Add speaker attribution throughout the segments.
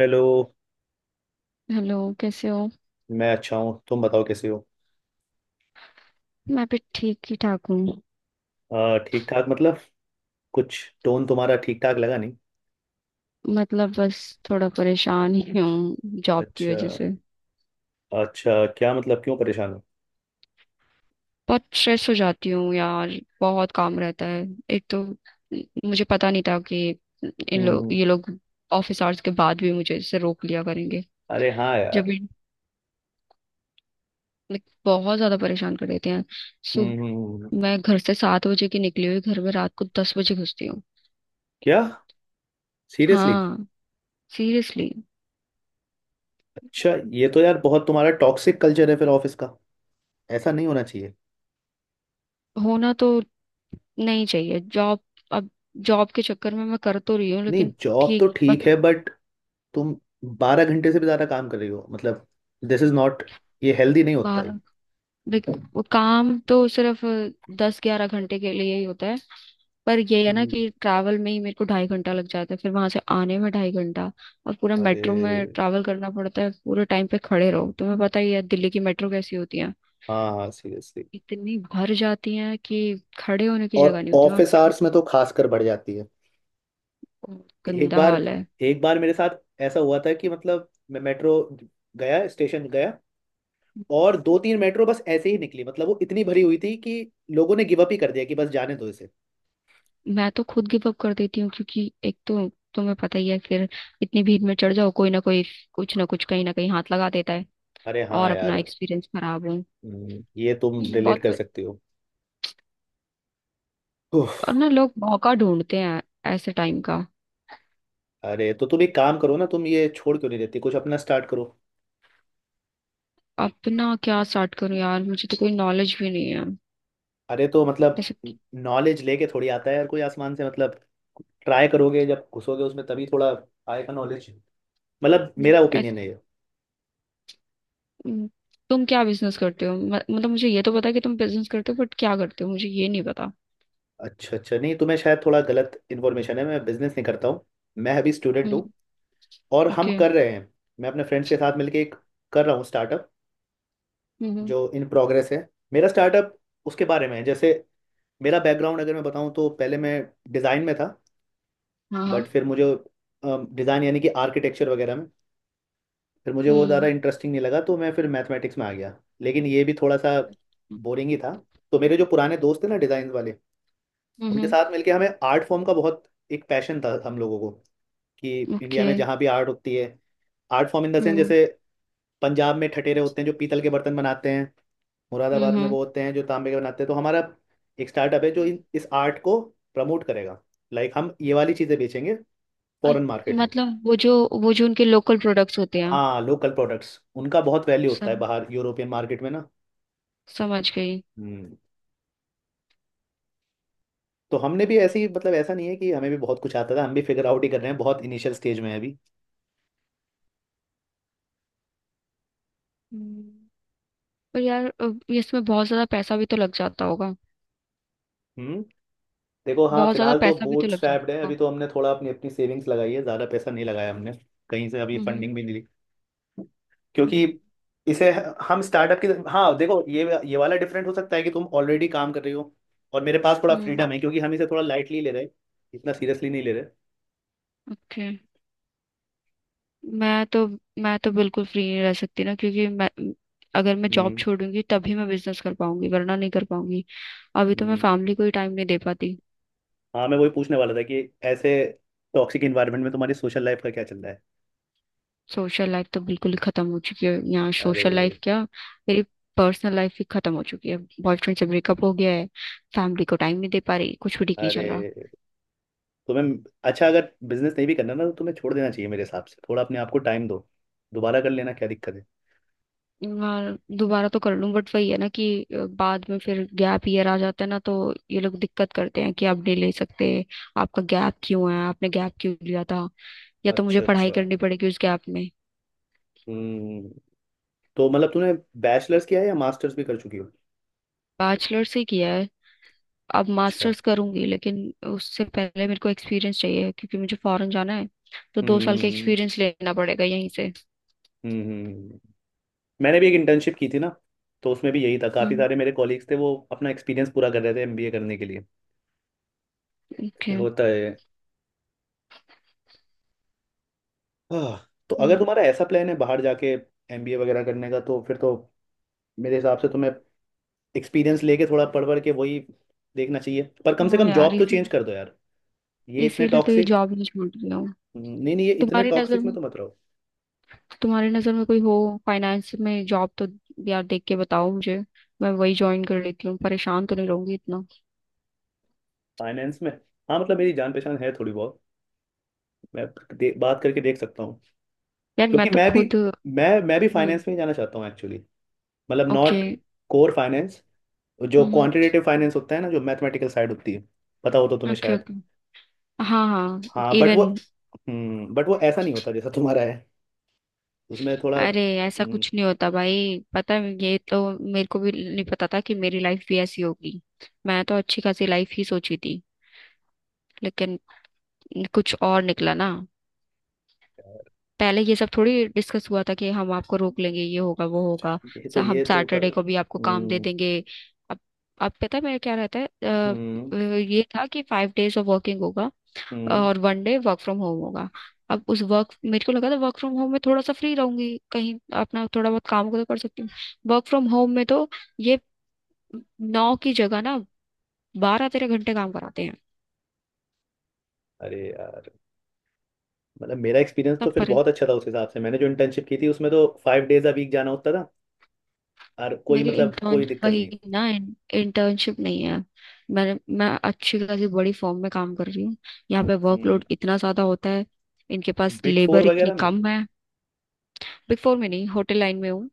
Speaker 1: Hello.
Speaker 2: Hello. कैसे हो?
Speaker 1: मैं अच्छा हूँ, तुम बताओ कैसे हो?
Speaker 2: मैं भी ठीक ही ठाक हूँ।
Speaker 1: ठीक ठाक मतलब कुछ, टोन तुम्हारा ठीक ठाक लगा नहीं।
Speaker 2: मतलब, बस थोड़ा परेशान ही हूँ जॉब की
Speaker 1: अच्छा।
Speaker 2: वजह से।
Speaker 1: अच्छा, क्या मतलब, क्यों परेशान हो?
Speaker 2: बहुत स्ट्रेस हो जाती हूँ यार। बहुत काम रहता है। एक तो, मुझे पता नहीं था कि इन लोग
Speaker 1: हम्म।
Speaker 2: ये लोग ऑफिस आवर्स के बाद भी मुझे इससे रोक लिया करेंगे।
Speaker 1: अरे हाँ
Speaker 2: जब
Speaker 1: यार।
Speaker 2: भी, बहुत ज्यादा परेशान कर देते हैं। सो
Speaker 1: हम्म। हम्म। हम्म।
Speaker 2: मैं घर से 7 बजे की निकली हुई घर में रात को 10 बजे घुसती हूँ।
Speaker 1: क्या? सीरियसली?
Speaker 2: हाँ, सीरियसली।
Speaker 1: अच्छा, ये तो यार बहुत तुम्हारा टॉक्सिक कल्चर है फिर ऑफिस का। ऐसा नहीं होना चाहिए।
Speaker 2: होना तो नहीं चाहिए जॉब। अब, जॉब के चक्कर में मैं कर तो रही हूँ
Speaker 1: नहीं,
Speaker 2: लेकिन
Speaker 1: जॉब तो
Speaker 2: ठीक
Speaker 1: ठीक है
Speaker 2: पसंद।
Speaker 1: बट तुम बारह घंटे से भी ज़्यादा काम कर रही हो मतलब, दिस इज नॉट, ये हेल्दी नहीं होता है।
Speaker 2: 12। देख, वो काम तो सिर्फ 10 11 घंटे के लिए ही होता है। पर ये है ना
Speaker 1: हम्म।
Speaker 2: कि ट्रैवल में ही मेरे को 2.5 घंटा लग जाता है, फिर वहां से आने में 2.5 घंटा। और पूरा मेट्रो में
Speaker 1: अरे
Speaker 2: ट्रैवल करना पड़ता है, पूरे टाइम पे खड़े रहो। तुम्हें पता ही है दिल्ली की मेट्रो कैसी होती है।
Speaker 1: हाँ हाँ, सीरियसली।
Speaker 2: इतनी भर जाती है कि खड़े होने की
Speaker 1: और
Speaker 2: जगह नहीं होती वहां।
Speaker 1: ऑफिस आवर्स में तो खासकर बढ़ जाती है। एक
Speaker 2: गंदा
Speaker 1: बार
Speaker 2: हाल है।
Speaker 1: एक बार मेरे साथ ऐसा हुआ था कि मतलब मैं मेट्रो गया, स्टेशन गया, और दो तीन मेट्रो बस ऐसे ही निकली मतलब वो इतनी भरी हुई थी कि लोगों ने गिव अप ही कर दिया कि बस जाने दो इसे।
Speaker 2: मैं तो खुद गिव अप कर देती हूँ, क्योंकि एक तो तुम्हें पता ही है। फिर इतनी भीड़ में चढ़ जाओ, कोई ना कोई कुछ ना कुछ कहीं ना कहीं हाथ लगा देता है।
Speaker 1: अरे हाँ
Speaker 2: और
Speaker 1: यार।
Speaker 2: अपना एक्सपीरियंस खराब हो।
Speaker 1: ये तुम रिलेट
Speaker 2: बहुत।
Speaker 1: कर सकती हो। उफ।
Speaker 2: और ना, लोग मौका ढूंढते हैं ऐसे टाइम का।
Speaker 1: अरे, तो तुम एक काम करो ना, तुम ये छोड़ क्यों नहीं देती, कुछ अपना स्टार्ट करो।
Speaker 2: अपना क्या स्टार्ट करूं यार, मुझे तो कोई नॉलेज भी नहीं है।
Speaker 1: अरे, तो मतलब,
Speaker 2: ऐसे।
Speaker 1: नॉलेज लेके थोड़ी आता है यार कोई आसमान से, मतलब ट्राई करोगे जब घुसोगे उसमें तभी थोड़ा आएगा नॉलेज। मतलब मेरा ओपिनियन
Speaker 2: ऐसे।
Speaker 1: है ये।
Speaker 2: हम्म, तुम क्या बिजनेस करते हो? मतलब, मुझे ये तो पता है कि तुम बिजनेस करते हो बट क्या करते हो मुझे ये नहीं पता।
Speaker 1: अच्छा अच्छा, नहीं तुम्हें शायद थोड़ा गलत इन्फॉर्मेशन है, मैं बिजनेस नहीं करता हूँ। मैं अभी स्टूडेंट
Speaker 2: हम्म।
Speaker 1: हूँ और हम
Speaker 2: ओके।
Speaker 1: कर रहे हैं, मैं अपने फ्रेंड्स के साथ मिलके एक कर रहा हूँ स्टार्टअप,
Speaker 2: हम्म हम्म।
Speaker 1: जो इन प्रोग्रेस है। मेरा स्टार्टअप उसके बारे में है, जैसे मेरा बैकग्राउंड अगर मैं बताऊँ तो पहले मैं डिज़ाइन में था,
Speaker 2: हाँ हाँ।
Speaker 1: बट फिर मुझे डिज़ाइन यानी कि आर्किटेक्चर वगैरह में, फिर मुझे वो ज़्यादा
Speaker 2: हम्म
Speaker 1: इंटरेस्टिंग नहीं लगा तो मैं फिर मैथमेटिक्स में आ गया। लेकिन ये भी थोड़ा सा बोरिंग ही था, तो मेरे जो पुराने दोस्त थे ना डिज़ाइन वाले, उनके
Speaker 2: हम्म।
Speaker 1: साथ मिलके, हमें आर्ट फॉर्म का बहुत एक पैशन था हम लोगों को, कि इंडिया
Speaker 2: ओके।
Speaker 1: में जहाँ भी आर्ट होती है, art form in the sense
Speaker 2: hmm
Speaker 1: जैसे पंजाब में ठठेरे होते हैं जो पीतल के बर्तन बनाते हैं,
Speaker 2: हम्म
Speaker 1: मुरादाबाद में
Speaker 2: हम्म।
Speaker 1: वो होते हैं जो तांबे के बनाते हैं, तो हमारा एक स्टार्टअप है जो इन इस आर्ट को प्रमोट करेगा। लाइक हम ये वाली चीज़ें बेचेंगे फॉरेन
Speaker 2: अ-
Speaker 1: मार्केट में।
Speaker 2: मतलब वो जो उनके लोकल प्रोडक्ट्स होते हैं।
Speaker 1: हाँ, लोकल प्रोडक्ट्स उनका बहुत वैल्यू होता है
Speaker 2: सम,
Speaker 1: बाहर यूरोपियन मार्केट में ना।
Speaker 2: समझ गई।
Speaker 1: हम्म। तो हमने भी ऐसी मतलब, ऐसा नहीं है कि हमें भी बहुत कुछ आता था, हम भी फिगर आउट ही कर रहे हैं, बहुत इनिशियल स्टेज में है अभी।
Speaker 2: हम्म, पर यार, ये इसमें बहुत ज्यादा पैसा भी तो लग जाता होगा।
Speaker 1: हम्म। देखो हाँ,
Speaker 2: बहुत ज्यादा
Speaker 1: फिलहाल तो
Speaker 2: पैसा भी तो
Speaker 1: बूट
Speaker 2: लग
Speaker 1: स्ट्रैप्ड है,
Speaker 2: जाता
Speaker 1: अभी
Speaker 2: होगा।
Speaker 1: तो हमने थोड़ा अपनी अपनी सेविंग्स लगाई है, ज़्यादा पैसा नहीं लगाया हमने। कहीं से अभी
Speaker 2: हम्म
Speaker 1: फंडिंग भी नहीं ली, क्योंकि इसे हम स्टार्टअप की, हाँ देखो, ये वाला डिफरेंट हो सकता है कि तुम ऑलरेडी काम कर रही हो, और मेरे पास थोड़ा
Speaker 2: हम्म।
Speaker 1: फ्रीडम है क्योंकि हम इसे थोड़ा लाइटली ले रहे हैं, इतना सीरियसली नहीं ले रहे।
Speaker 2: ओके। मैं तो मैं तो बिल्कुल फ्री नहीं रह सकती ना, क्योंकि मैं अगर मैं जॉब
Speaker 1: हम्म
Speaker 2: छोड़ूंगी तभी मैं बिजनेस कर पाऊंगी, वरना नहीं कर पाऊंगी। अभी तो मैं
Speaker 1: हम्म।
Speaker 2: फैमिली को ही टाइम नहीं दे पाती।
Speaker 1: हाँ, मैं वही पूछने वाला था कि ऐसे टॉक्सिक इन्वायरमेंट में तुम्हारी सोशल लाइफ का क्या चल रहा है?
Speaker 2: सोशल लाइफ तो बिल्कुल ही खत्म हो चुकी है। यहाँ सोशल
Speaker 1: अरे
Speaker 2: लाइफ क्या, मेरी पर्सनल लाइफ भी खत्म हो चुकी है। बॉयफ्रेंड से ब्रेकअप हो गया है। फैमिली को टाइम नहीं दे पा रही, कुछ भी ठीक नहीं
Speaker 1: अरे,
Speaker 2: चल रहा।
Speaker 1: तुम्हें अच्छा, अगर बिजनेस नहीं भी करना ना तो तुम्हें छोड़ देना चाहिए मेरे हिसाब से, थोड़ा अपने आप को टाइम दो, दोबारा कर लेना क्या दिक्कत है?
Speaker 2: और दोबारा तो कर लूं बट वही है ना कि बाद में फिर गैप ईयर आ जाता है ना, तो ये लोग दिक्कत करते हैं कि आप नहीं ले सकते, आपका गैप क्यों है, आपने गैप क्यों लिया था। या तो मुझे
Speaker 1: अच्छा
Speaker 2: पढ़ाई
Speaker 1: अच्छा।
Speaker 2: करनी पड़ेगी उस गैप में।
Speaker 1: हम्म, तो मतलब तूने बैचलर्स किया है या मास्टर्स भी कर चुकी हो?
Speaker 2: बैचलर से किया है, अब
Speaker 1: अच्छा।
Speaker 2: मास्टर्स करूंगी, लेकिन उससे पहले मेरे को एक्सपीरियंस चाहिए क्योंकि मुझे फॉरेन जाना है। तो 2 साल का
Speaker 1: हम्म।
Speaker 2: एक्सपीरियंस लेना पड़ेगा यहीं से।
Speaker 1: हम्म हम्म। मैंने भी एक इंटर्नशिप की थी ना, तो उसमें भी यही था, काफ़ी
Speaker 2: हम्म।
Speaker 1: सारे मेरे कॉलीग्स थे वो अपना एक्सपीरियंस पूरा कर रहे थे एमबीए करने के लिए।
Speaker 2: ओके।
Speaker 1: होता है। हाँ तो अगर
Speaker 2: हम्म।
Speaker 1: तुम्हारा ऐसा प्लान है बाहर जाके एमबीए वगैरह करने का तो फिर तो मेरे हिसाब से तुम्हें एक्सपीरियंस लेके थोड़ा पढ़ पढ़ के वही देखना चाहिए, पर कम से
Speaker 2: हाँ
Speaker 1: कम
Speaker 2: यार,
Speaker 1: जॉब तो चेंज कर दो यार। ये इतने
Speaker 2: इसीलिए तो ये
Speaker 1: टॉक्सिक
Speaker 2: जॉब नहीं छोड़ रही हूँ।
Speaker 1: नहीं नहीं, ये इतने
Speaker 2: तुम्हारी नजर
Speaker 1: टॉक्सिक में
Speaker 2: में
Speaker 1: तो मत रहो।
Speaker 2: तुम्हारी नजर में कोई हो फाइनेंस में जॉब तो, यार देख के बताओ मुझे। मैं वही ज्वाइन कर लेती हूँ, परेशान तो नहीं रहूंगी इतना।
Speaker 1: फाइनेंस में, हाँ मतलब मेरी जान पहचान है थोड़ी बहुत, मैं बात करके देख सकता हूँ,
Speaker 2: यार मैं
Speaker 1: क्योंकि
Speaker 2: तो
Speaker 1: मैं भी
Speaker 2: खुद।
Speaker 1: मैं मैं भी
Speaker 2: हम्म।
Speaker 1: फाइनेंस में ही जाना चाहता हूँ एक्चुअली। मतलब
Speaker 2: ओके।
Speaker 1: नॉट कोर फाइनेंस, जो
Speaker 2: हम्म।
Speaker 1: क्वांटिटेटिव फाइनेंस होता है ना, जो मैथमेटिकल साइड होती है पता हो तो तुम्हें
Speaker 2: ओके।
Speaker 1: शायद।
Speaker 2: ओके। हाँ हाँ।
Speaker 1: हाँ बट वो,
Speaker 2: इवन।
Speaker 1: बट वो ऐसा नहीं होता जैसा तुम्हारा है, उसमें थोड़ा
Speaker 2: अरे ऐसा कुछ नहीं होता भाई। पता है, ये तो मेरे को भी नहीं पता था कि मेरी लाइफ भी ऐसी होगी। मैं तो अच्छी खासी लाइफ ही सोची थी, लेकिन कुछ और निकला ना।
Speaker 1: यार,
Speaker 2: पहले ये सब थोड़ी डिस्कस हुआ था कि हम आपको रोक लेंगे, ये होगा वो होगा।
Speaker 1: ये तो
Speaker 2: हम
Speaker 1: ये तो कर,
Speaker 2: सैटरडे को भी आपको काम दे
Speaker 1: हम्म
Speaker 2: देंगे। अब अब पता है मेरा क्या रहता है।
Speaker 1: हम्म
Speaker 2: ये था कि 5 days ऑफ वर्किंग होगा
Speaker 1: हम्म।
Speaker 2: और 1 day वर्क फ्रॉम होम होगा। अब उस वर्क मेरे को लगा था वर्क फ्रॉम होम में थोड़ा सा फ्री रहूंगी, कहीं अपना थोड़ा बहुत काम को तो कर सकती हूँ। वर्क फ्रॉम होम में तो ये 9 की जगह ना, 12 13 घंटे काम कराते हैं।
Speaker 1: अरे यार, मतलब मेरा एक्सपीरियंस तो
Speaker 2: तब
Speaker 1: फिर
Speaker 2: पर।
Speaker 1: बहुत अच्छा था उस हिसाब से, मैंने जो इंटर्नशिप की थी उसमें तो फाइव डेज अ वीक जाना होता था और कोई
Speaker 2: मेरी
Speaker 1: मतलब
Speaker 2: इंटर्न
Speaker 1: कोई दिक्कत नहीं।
Speaker 2: वही ना, इंटर्नशिप नहीं है। मैंने मैं अच्छी खासी बड़ी फॉर्म में काम कर रही हूँ। यहाँ पे
Speaker 1: हम्म।
Speaker 2: वर्कलोड इतना ज्यादा होता है, इनके पास
Speaker 1: बिग फोर
Speaker 2: लेबर इतनी
Speaker 1: वगैरह में?
Speaker 2: कम है। बिग 4 में नहीं, होटल लाइन में हूँ।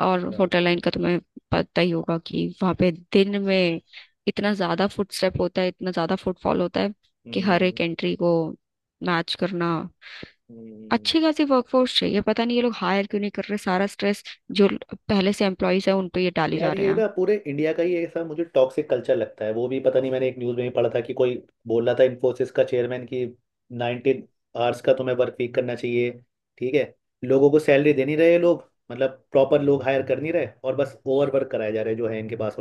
Speaker 2: और
Speaker 1: अच्छा।
Speaker 2: होटल लाइन का तुम्हें पता ही होगा कि वहां पे दिन में इतना ज्यादा फुटस्टेप होता है, इतना ज्यादा फुटफॉल होता है कि हर
Speaker 1: हम्म
Speaker 2: एक एंट्री को मैच करना,
Speaker 1: हम्म।
Speaker 2: अच्छी खासी वर्कफोर्स चाहिए। पता नहीं ये लोग हायर क्यों नहीं कर रहे। सारा स्ट्रेस जो पहले से एम्प्लॉयज है उन पे ये डाले जा
Speaker 1: यार,
Speaker 2: रहे
Speaker 1: ये
Speaker 2: हैं।
Speaker 1: ना पूरे इंडिया का ही ऐसा मुझे टॉक्सिक कल्चर लगता है, वो भी पता नहीं मैंने एक न्यूज़ में ही पढ़ा था कि कोई बोल रहा था इन्फोसिस का चेयरमैन कि 19 आवर्स का तुम्हें वर्क वीक करना चाहिए। ठीक है। लोगों को सैलरी दे नहीं रहे ये लोग, मतलब प्रॉपर लोग हायर कर नहीं रहे, और बस ओवर वर्क कराए जा रहे हैं जो है इनके पास।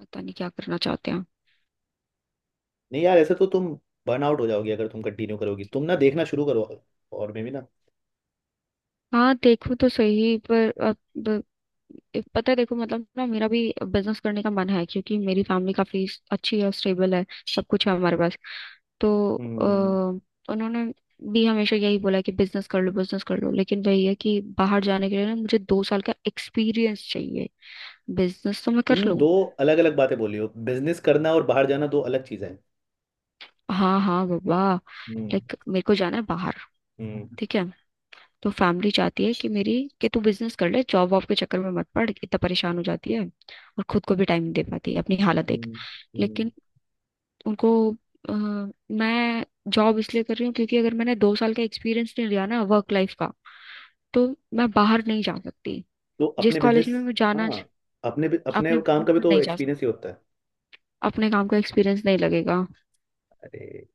Speaker 2: पता नहीं क्या करना चाहते हैं।
Speaker 1: नहीं यार, ऐसे तो तुम बर्न आउट हो जाओगी अगर तुम कंटिन्यू करोगी, तुम ना देखना शुरू करो, और में भी ना।
Speaker 2: हाँ, देखो तो सही। पर अब एक पता है, देखो मतलब ना, मेरा भी बिजनेस करने का मन है क्योंकि मेरी फैमिली काफी अच्छी है, स्टेबल है, सब कुछ है हमारे पास। तो
Speaker 1: हम्म।
Speaker 2: उन्होंने भी हमेशा यही बोला कि बिजनेस कर लो बिजनेस कर लो, लेकिन वही है कि बाहर जाने के लिए ना, मुझे 2 साल का एक्सपीरियंस चाहिए। बिजनेस तो मैं कर
Speaker 1: तुम
Speaker 2: लूँ।
Speaker 1: दो अलग अलग बातें बोली हो, बिजनेस करना और बाहर जाना दो अलग चीजें हैं।
Speaker 2: हाँ हाँ बाबा।
Speaker 1: हम्म
Speaker 2: लाइक मेरे को जाना है बाहर।
Speaker 1: हम्म।
Speaker 2: ठीक है। तो फैमिली चाहती है कि तू बिजनेस कर ले, जॉब वॉब के चक्कर में मत पड़, इतना परेशान हो जाती है और खुद को भी टाइम नहीं दे पाती, अपनी हालत देख।
Speaker 1: हम्म। हम्म।
Speaker 2: लेकिन उनको अ, मैं जॉब इसलिए कर रही हूँ क्योंकि अगर मैंने 2 साल का एक्सपीरियंस नहीं लिया ना, वर्क लाइफ का, तो मैं बाहर नहीं जा सकती।
Speaker 1: तो
Speaker 2: जिस
Speaker 1: अपने
Speaker 2: कॉलेज
Speaker 1: बिजनेस
Speaker 2: में मैं जाना,
Speaker 1: हाँ, अपने अपने
Speaker 2: अपने
Speaker 1: काम
Speaker 2: बिजनेस
Speaker 1: का भी
Speaker 2: में
Speaker 1: तो
Speaker 2: नहीं जा सकती।
Speaker 1: एक्सपीरियंस ही होता है।
Speaker 2: अपने काम का एक्सपीरियंस नहीं लगेगा,
Speaker 1: अरे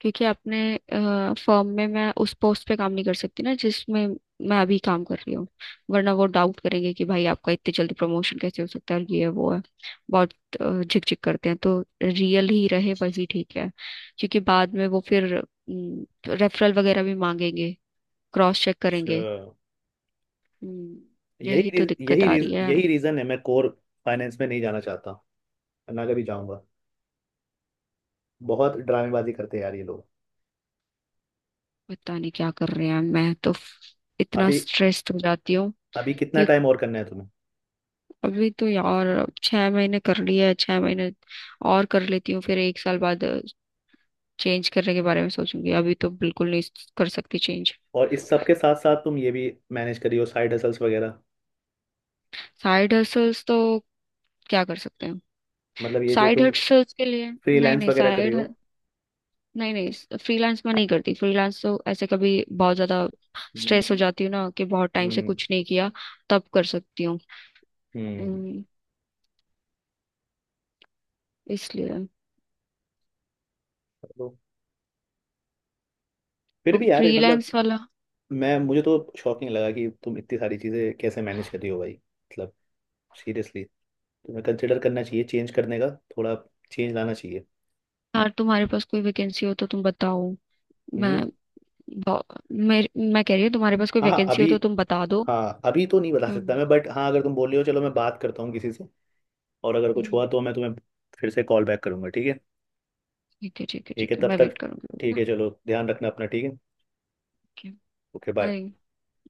Speaker 2: क्योंकि अपने फर्म में मैं उस पोस्ट पे काम नहीं कर सकती ना जिसमें मैं अभी काम कर रही हूँ। वरना वो डाउट करेंगे कि भाई आपका इतनी जल्दी प्रमोशन कैसे हो सकता है, और ये है वो है, बहुत झिक झिक करते हैं। तो रियल ही रहे, वही ठीक है। क्योंकि बाद में वो फिर रेफरल वगैरह भी मांगेंगे, क्रॉस चेक
Speaker 1: अच्छा,
Speaker 2: करेंगे। हम्म,
Speaker 1: यही
Speaker 2: यही तो
Speaker 1: रीज,
Speaker 2: दिक्कत
Speaker 1: यही
Speaker 2: आ
Speaker 1: रीज,
Speaker 2: रही है।
Speaker 1: यही रीजन है, मैं कोर फाइनेंस में नहीं जाना चाहता, ना कभी जाऊंगा। बहुत ड्रामेबाजी करते हैं यार ये लोग।
Speaker 2: पता नहीं क्या कर रहे हैं। मैं तो इतना
Speaker 1: अभी
Speaker 2: स्ट्रेस्ड हो जाती हूँ।
Speaker 1: अभी कितना
Speaker 2: एक,
Speaker 1: टाइम और करना है तुम्हें?
Speaker 2: अभी तो यार 6 महीने कर लिया है। 6 महीने और कर लेती हूँ, फिर 1 साल बाद चेंज करने के बारे में सोचूंगी। अभी तो बिल्कुल नहीं कर सकती चेंज।
Speaker 1: और इस सब के साथ साथ तुम ये भी मैनेज करी हो, साइड हसल्स वगैरह,
Speaker 2: साइड हसल्स तो क्या कर सकते हैं।
Speaker 1: मतलब ये जो
Speaker 2: साइड
Speaker 1: तुम
Speaker 2: हसल्स के लिए, नहीं
Speaker 1: फ्रीलांस
Speaker 2: नहीं
Speaker 1: वगैरह करे
Speaker 2: साइड,
Speaker 1: हो?
Speaker 2: नहीं नहीं फ्रीलांस में नहीं करती। फ्रीलांस तो ऐसे कभी बहुत ज्यादा
Speaker 1: हम्म
Speaker 2: स्ट्रेस हो जाती हूँ ना कि बहुत टाइम से
Speaker 1: हम्म।
Speaker 2: कुछ नहीं किया, तब कर सकती हूँ।
Speaker 1: हम्म।
Speaker 2: हम्म, इसलिए,
Speaker 1: तो फिर
Speaker 2: तो
Speaker 1: भी यार, ये मतलब
Speaker 2: फ्रीलांस वाला।
Speaker 1: मैं मुझे तो शॉकिंग लगा कि तुम इतनी सारी चीज़ें कैसे मैनेज कर रही हो भाई, मतलब सीरियसली, तुम्हें कंसिडर करना चाहिए चेंज करने का, थोड़ा चेंज लाना चाहिए।
Speaker 2: यार तुम्हारे पास कोई वैकेंसी हो तो तुम बताओ। मैं
Speaker 1: हम्म।
Speaker 2: बहु- मैं मैं कह रही हूँ तुम्हारे पास कोई
Speaker 1: हाँ हाँ,
Speaker 2: वैकेंसी
Speaker 1: अभी,
Speaker 2: हो तो तुम बता दो।
Speaker 1: हाँ अभी तो नहीं बता सकता
Speaker 2: हम्म।
Speaker 1: मैं, बट हाँ अगर तुम बोल रहे हो चलो मैं बात करता हूँ किसी से, और अगर कुछ
Speaker 2: हम्म,
Speaker 1: हुआ तो मैं तुम्हें फिर से कॉल बैक करूंगा, ठीक है?
Speaker 2: ठीक है, ठीक है,
Speaker 1: ठीक है,
Speaker 2: ठीक है,
Speaker 1: तब
Speaker 2: मैं
Speaker 1: तक
Speaker 2: वेट करूंगी।
Speaker 1: ठीक है, चलो ध्यान रखना अपना, ठीक है।
Speaker 2: ओके।
Speaker 1: Okay bye.
Speaker 2: बाय।